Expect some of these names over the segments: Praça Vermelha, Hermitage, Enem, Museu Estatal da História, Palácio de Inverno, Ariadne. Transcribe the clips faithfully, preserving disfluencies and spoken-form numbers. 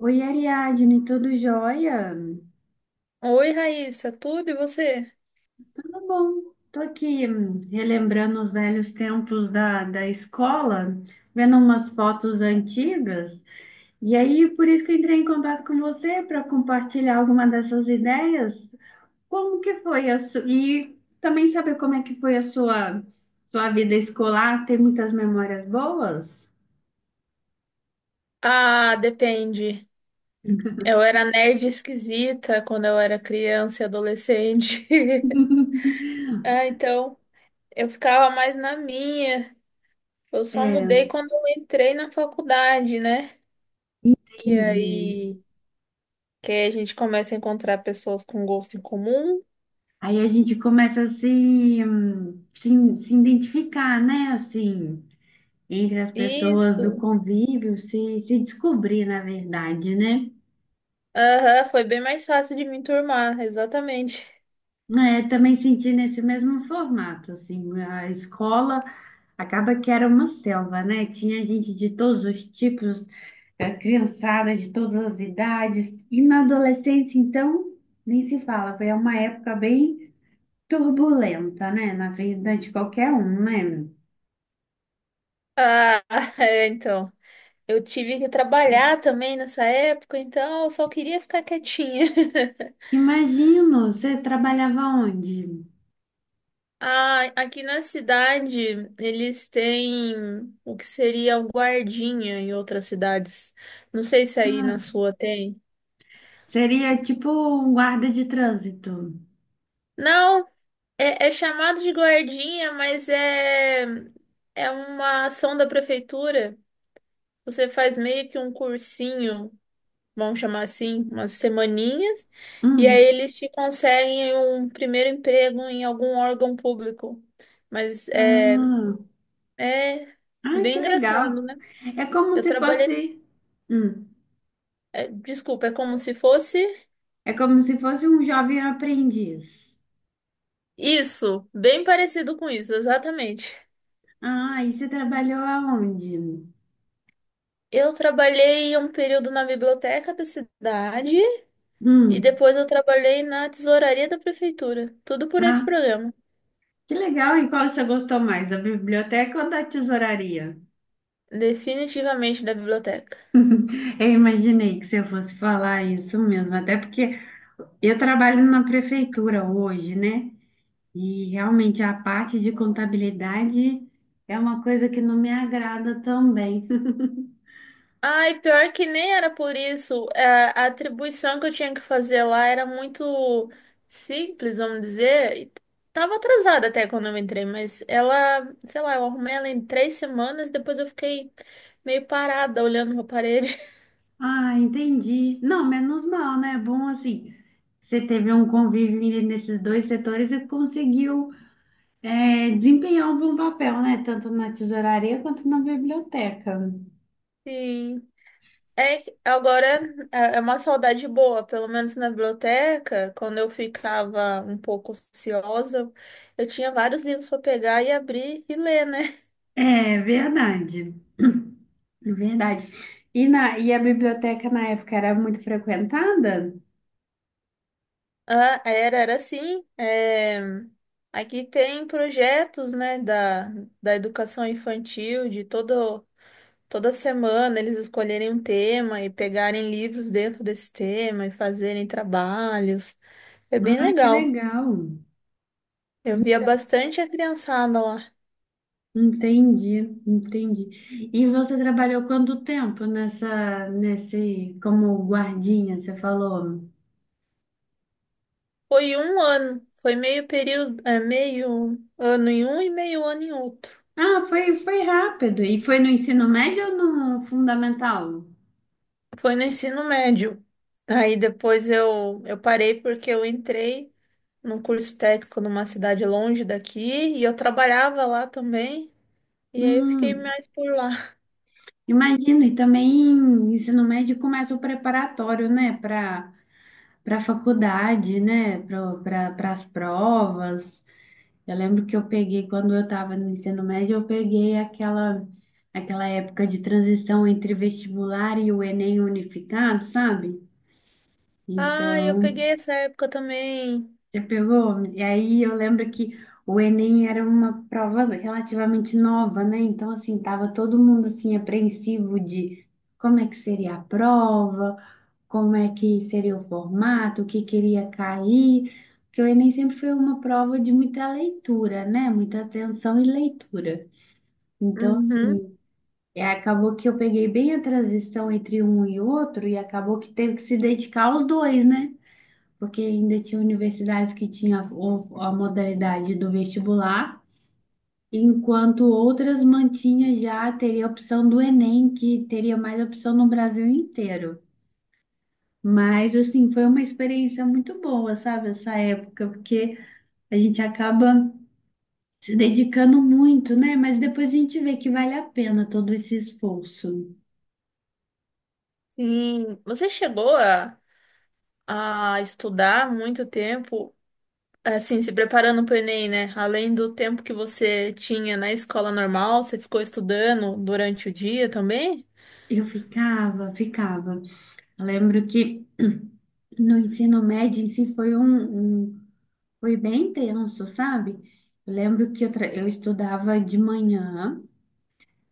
Oi, Ariadne, tudo jóia? Oi, Raíssa, tudo e você? Tudo bom. Tô aqui hum, relembrando os velhos tempos da, da escola, vendo umas fotos antigas. E aí, por isso que eu entrei em contato com você para compartilhar alguma dessas ideias. Como que foi a sua... E também saber como é que foi a sua, sua vida escolar? Tem muitas memórias boas? Ah, depende. Eu era nerd esquisita quando eu era criança e adolescente. Ah, então eu ficava mais na minha. Eu só mudei É, quando eu entrei na faculdade, né? Que entendi. aí, que aí a gente começa a encontrar pessoas com gosto em comum. Aí a gente começa a se, hum, se, se identificar, né? Assim... entre as pessoas do Isso. convívio, se, se descobrir, na verdade, né? Aham, foi bem mais fácil de me enturmar, exatamente. É, também senti nesse mesmo formato, assim, a escola acaba que era uma selva, né? Tinha gente de todos os tipos, eh, criançada de todas as idades, e na adolescência, então, nem se fala, foi uma época bem turbulenta, né? Na vida de qualquer um, né? Ah, é, então. Eu tive que trabalhar também nessa época, então eu só queria ficar quietinha. Imagino, você trabalhava onde? Ah, aqui na cidade eles têm o que seria o guardinha em outras cidades. Não sei se aí na Ah, sua tem. seria tipo um guarda de trânsito. Não, é, é chamado de guardinha, mas é, é uma ação da prefeitura. Você faz meio que um cursinho, vamos chamar assim, umas semaninhas, e aí Hum. eles te conseguem um primeiro emprego em algum órgão público. Mas é, Ah. é Ai, bem que engraçado, legal. né? É como Eu se trabalhei. fosse. Hum. É, desculpa, é como se fosse É como se fosse um jovem aprendiz. isso, bem parecido com isso, exatamente. Ah, e você trabalhou aonde? Eu trabalhei um período na biblioteca da cidade e Hum. depois eu trabalhei na tesouraria da prefeitura. Tudo por esse Ah, programa. que legal. E qual você gostou mais, da biblioteca ou da tesouraria? Definitivamente da biblioteca. Eu imaginei que você fosse falar isso mesmo, até porque eu trabalho na prefeitura hoje, né? E realmente a parte de contabilidade é uma coisa que não me agrada também. Ai, pior que nem era por isso. É, a atribuição que eu tinha que fazer lá era muito simples, vamos dizer. E tava atrasada até quando eu entrei, mas ela, sei lá, eu arrumei ela em três semanas, depois eu fiquei meio parada olhando pra parede. Ah, entendi. Não, menos mal, né? É bom assim. Você teve um convívio nesses dois setores e conseguiu é, desempenhar um bom papel, né? Tanto na tesouraria quanto na biblioteca. Sim. É, que agora é é uma saudade boa, pelo menos na biblioteca. Quando eu ficava um pouco ociosa, eu tinha vários livros para pegar e abrir e ler, né? É verdade. Verdade. E, na, e a biblioteca na época era muito frequentada? Ah, era, era assim. É, aqui tem projetos, né, da, da educação infantil, de todo, toda semana eles escolherem um tema e pegarem livros dentro desse tema e fazerem trabalhos. É bem Ah, que legal. legal. Eu via bastante a criançada lá. Entendi, entendi. E você trabalhou quanto tempo nessa, nesse, como guardinha, você falou? Foi um ano, foi meio período, é, meio ano em um e meio ano em outro. Ah, foi, foi rápido. E foi no ensino médio ou no fundamental? Foi no ensino médio. Aí depois eu, eu parei porque eu entrei num curso técnico numa cidade longe daqui e eu trabalhava lá também. E aí eu fiquei Hum, mais por lá. imagino. E também ensino médio começa o preparatório, né? Para para faculdade, né? Para as provas. Eu lembro que eu peguei, quando eu estava no ensino médio, eu peguei aquela, aquela época de transição entre vestibular e o Enem unificado, sabe? Ah, eu Então, peguei essa época também. já pegou? E aí eu lembro que o Enem era uma prova relativamente nova, né? Então, assim, tava todo mundo, assim, apreensivo de como é que seria a prova, como é que seria o formato, o que queria cair. Porque o Enem sempre foi uma prova de muita leitura, né? Muita atenção e leitura. Então, Uhum, assim, é, acabou que eu peguei bem a transição entre um e outro e acabou que teve que se dedicar aos dois, né? Porque ainda tinha universidades que tinha o- a modalidade do vestibular, enquanto outras mantinha já teria a opção do Enem, que teria mais opção no Brasil inteiro. Mas assim, foi uma experiência muito boa, sabe, essa época, porque a gente acaba se dedicando muito, né? Mas depois a gente vê que vale a pena todo esse esforço. sim. Você chegou a, a estudar muito tempo, assim, se preparando para o Enem, né? Além do tempo que você tinha na escola normal, você ficou estudando durante o dia também? Eu ficava, ficava. Eu lembro que no ensino médio em si foi um, um foi bem tenso, sabe? Eu lembro que eu, tra- eu estudava de manhã,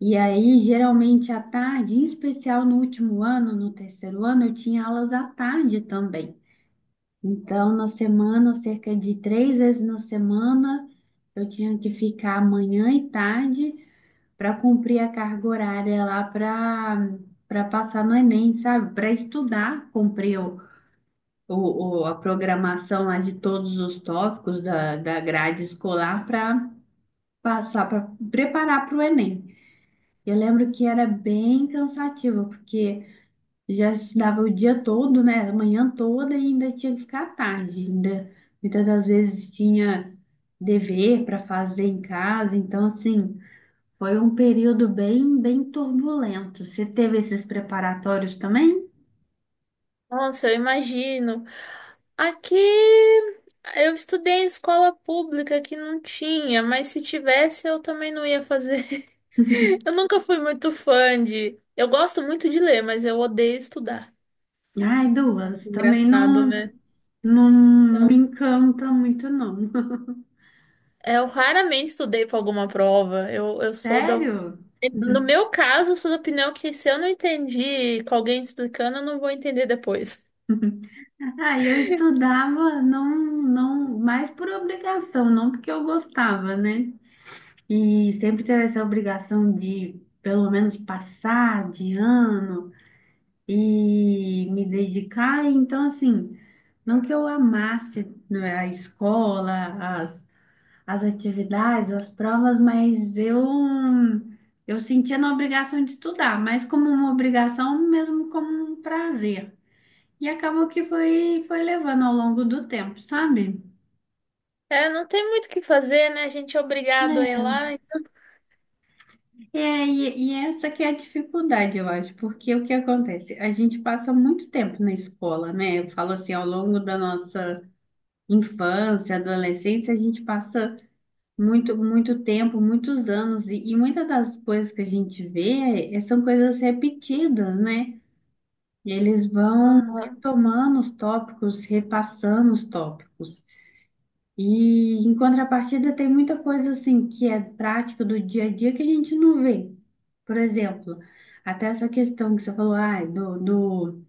e aí, geralmente à tarde, em especial no último ano, no terceiro ano, eu tinha aulas à tarde também. Então, na semana, cerca de três vezes na semana, eu tinha que ficar manhã e tarde para cumprir a carga horária lá para para passar no Enem, sabe? Para estudar, cumprir o, o- a programação lá de todos os tópicos da, da grade escolar para passar, para preparar para o Enem. Eu lembro que era bem cansativo, porque já estudava o dia todo, né? A manhã toda e ainda tinha que ficar à tarde. Ainda, muitas das vezes tinha dever para fazer em casa. Então, assim, foi um período bem, bem turbulento. Você teve esses preparatórios também? Nossa, eu imagino. Aqui eu estudei em escola pública que não tinha, mas se tivesse eu também não ia fazer. Eu nunca fui muito fã de. Eu gosto muito de ler, mas eu odeio estudar. Ai, duas. Também Engraçado, não, né? não me Então, encanta muito, não. eu raramente estudei para alguma prova. Eu, eu sou da. Sério? No meu caso, eu sou da opinião que se eu não entendi com alguém explicando, eu não vou entender depois. Ah, eu estudava não, não, mais por obrigação, não porque eu gostava, né? E sempre teve essa obrigação de, pelo menos, passar de ano e me dedicar. Então, assim, não que eu amasse né, a escola, as atividades, as provas, mas eu eu sentia na obrigação de estudar, mas como uma obrigação mesmo como um prazer. E acabou que foi foi levando ao longo do tempo, sabe? É, não tem muito o que fazer, né? A gente é obrigado a ir É, lá. Então, é, e, e essa que é a dificuldade, eu acho, porque o que acontece? A gente passa muito tempo na escola, né? Eu falo assim, ao longo da nossa infância, adolescência, a gente passa muito, muito tempo, muitos anos, e, e muitas das coisas que a gente vê eh, são coisas repetidas, né? Eles vão ah, retomando os tópicos, repassando os tópicos. E, em contrapartida, tem muita coisa assim que é prática do dia a dia que a gente não vê. Por exemplo, até essa questão que você falou, ai, do, do,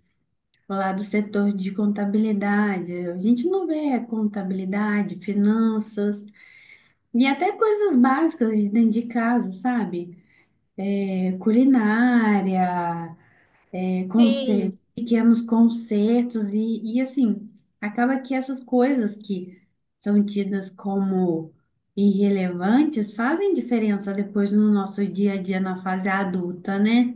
lá do setor de contabilidade, a gente não vê contabilidade, finanças. E até coisas básicas de dentro de casa, sabe? É, culinária, é, sim. conce- pequenos concertos e, e assim, acaba que essas coisas que são tidas como irrelevantes fazem diferença depois no nosso dia a dia na fase adulta, né?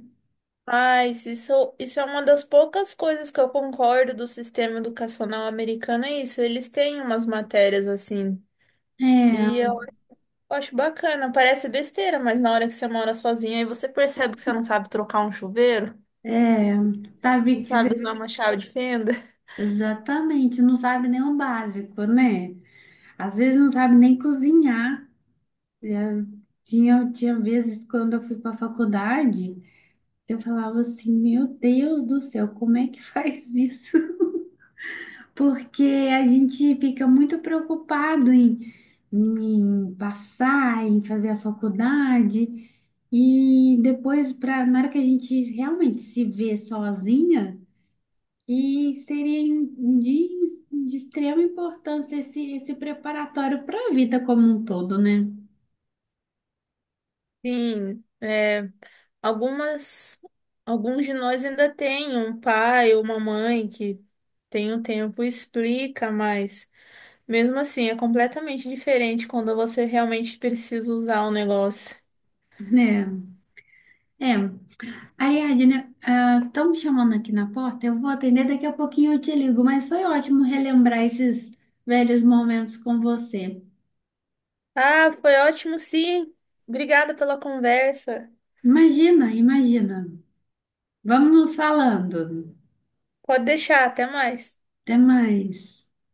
Mas isso, isso é uma das poucas coisas que eu concordo do sistema educacional americano, é isso. Eles têm umas matérias assim. E eu acho bacana. Parece besteira, mas na hora que você mora sozinho, aí você percebe que você não sabe trocar um chuveiro, É, é, não sabe que sabe usar você uma chave de fenda. exatamente não sabe nem o básico, né? Às vezes não sabe nem cozinhar. Já tinha, tinha vezes quando eu fui para a faculdade, eu falava assim, meu Deus do céu, como é que faz isso? Porque a gente fica muito preocupado em, em passar, em fazer a faculdade, e depois, pra, na hora que a gente realmente se vê sozinha, e seria em- de, de extrema importância esse, esse preparatório para a vida como um todo, né? Sim, é, algumas, alguns de nós ainda têm um pai ou uma mãe que tem o tempo e explica, mas. Mesmo assim, é completamente diferente quando você realmente precisa usar o negócio. Né? É. Ariadne, estão me chamando aqui na porta. Eu vou atender, daqui a pouquinho eu te ligo, mas foi ótimo relembrar esses velhos momentos com você. Ah, foi ótimo, sim. Obrigada pela conversa. Imagina, imagina. Vamos nos falando. Pode deixar, até mais. Até mais.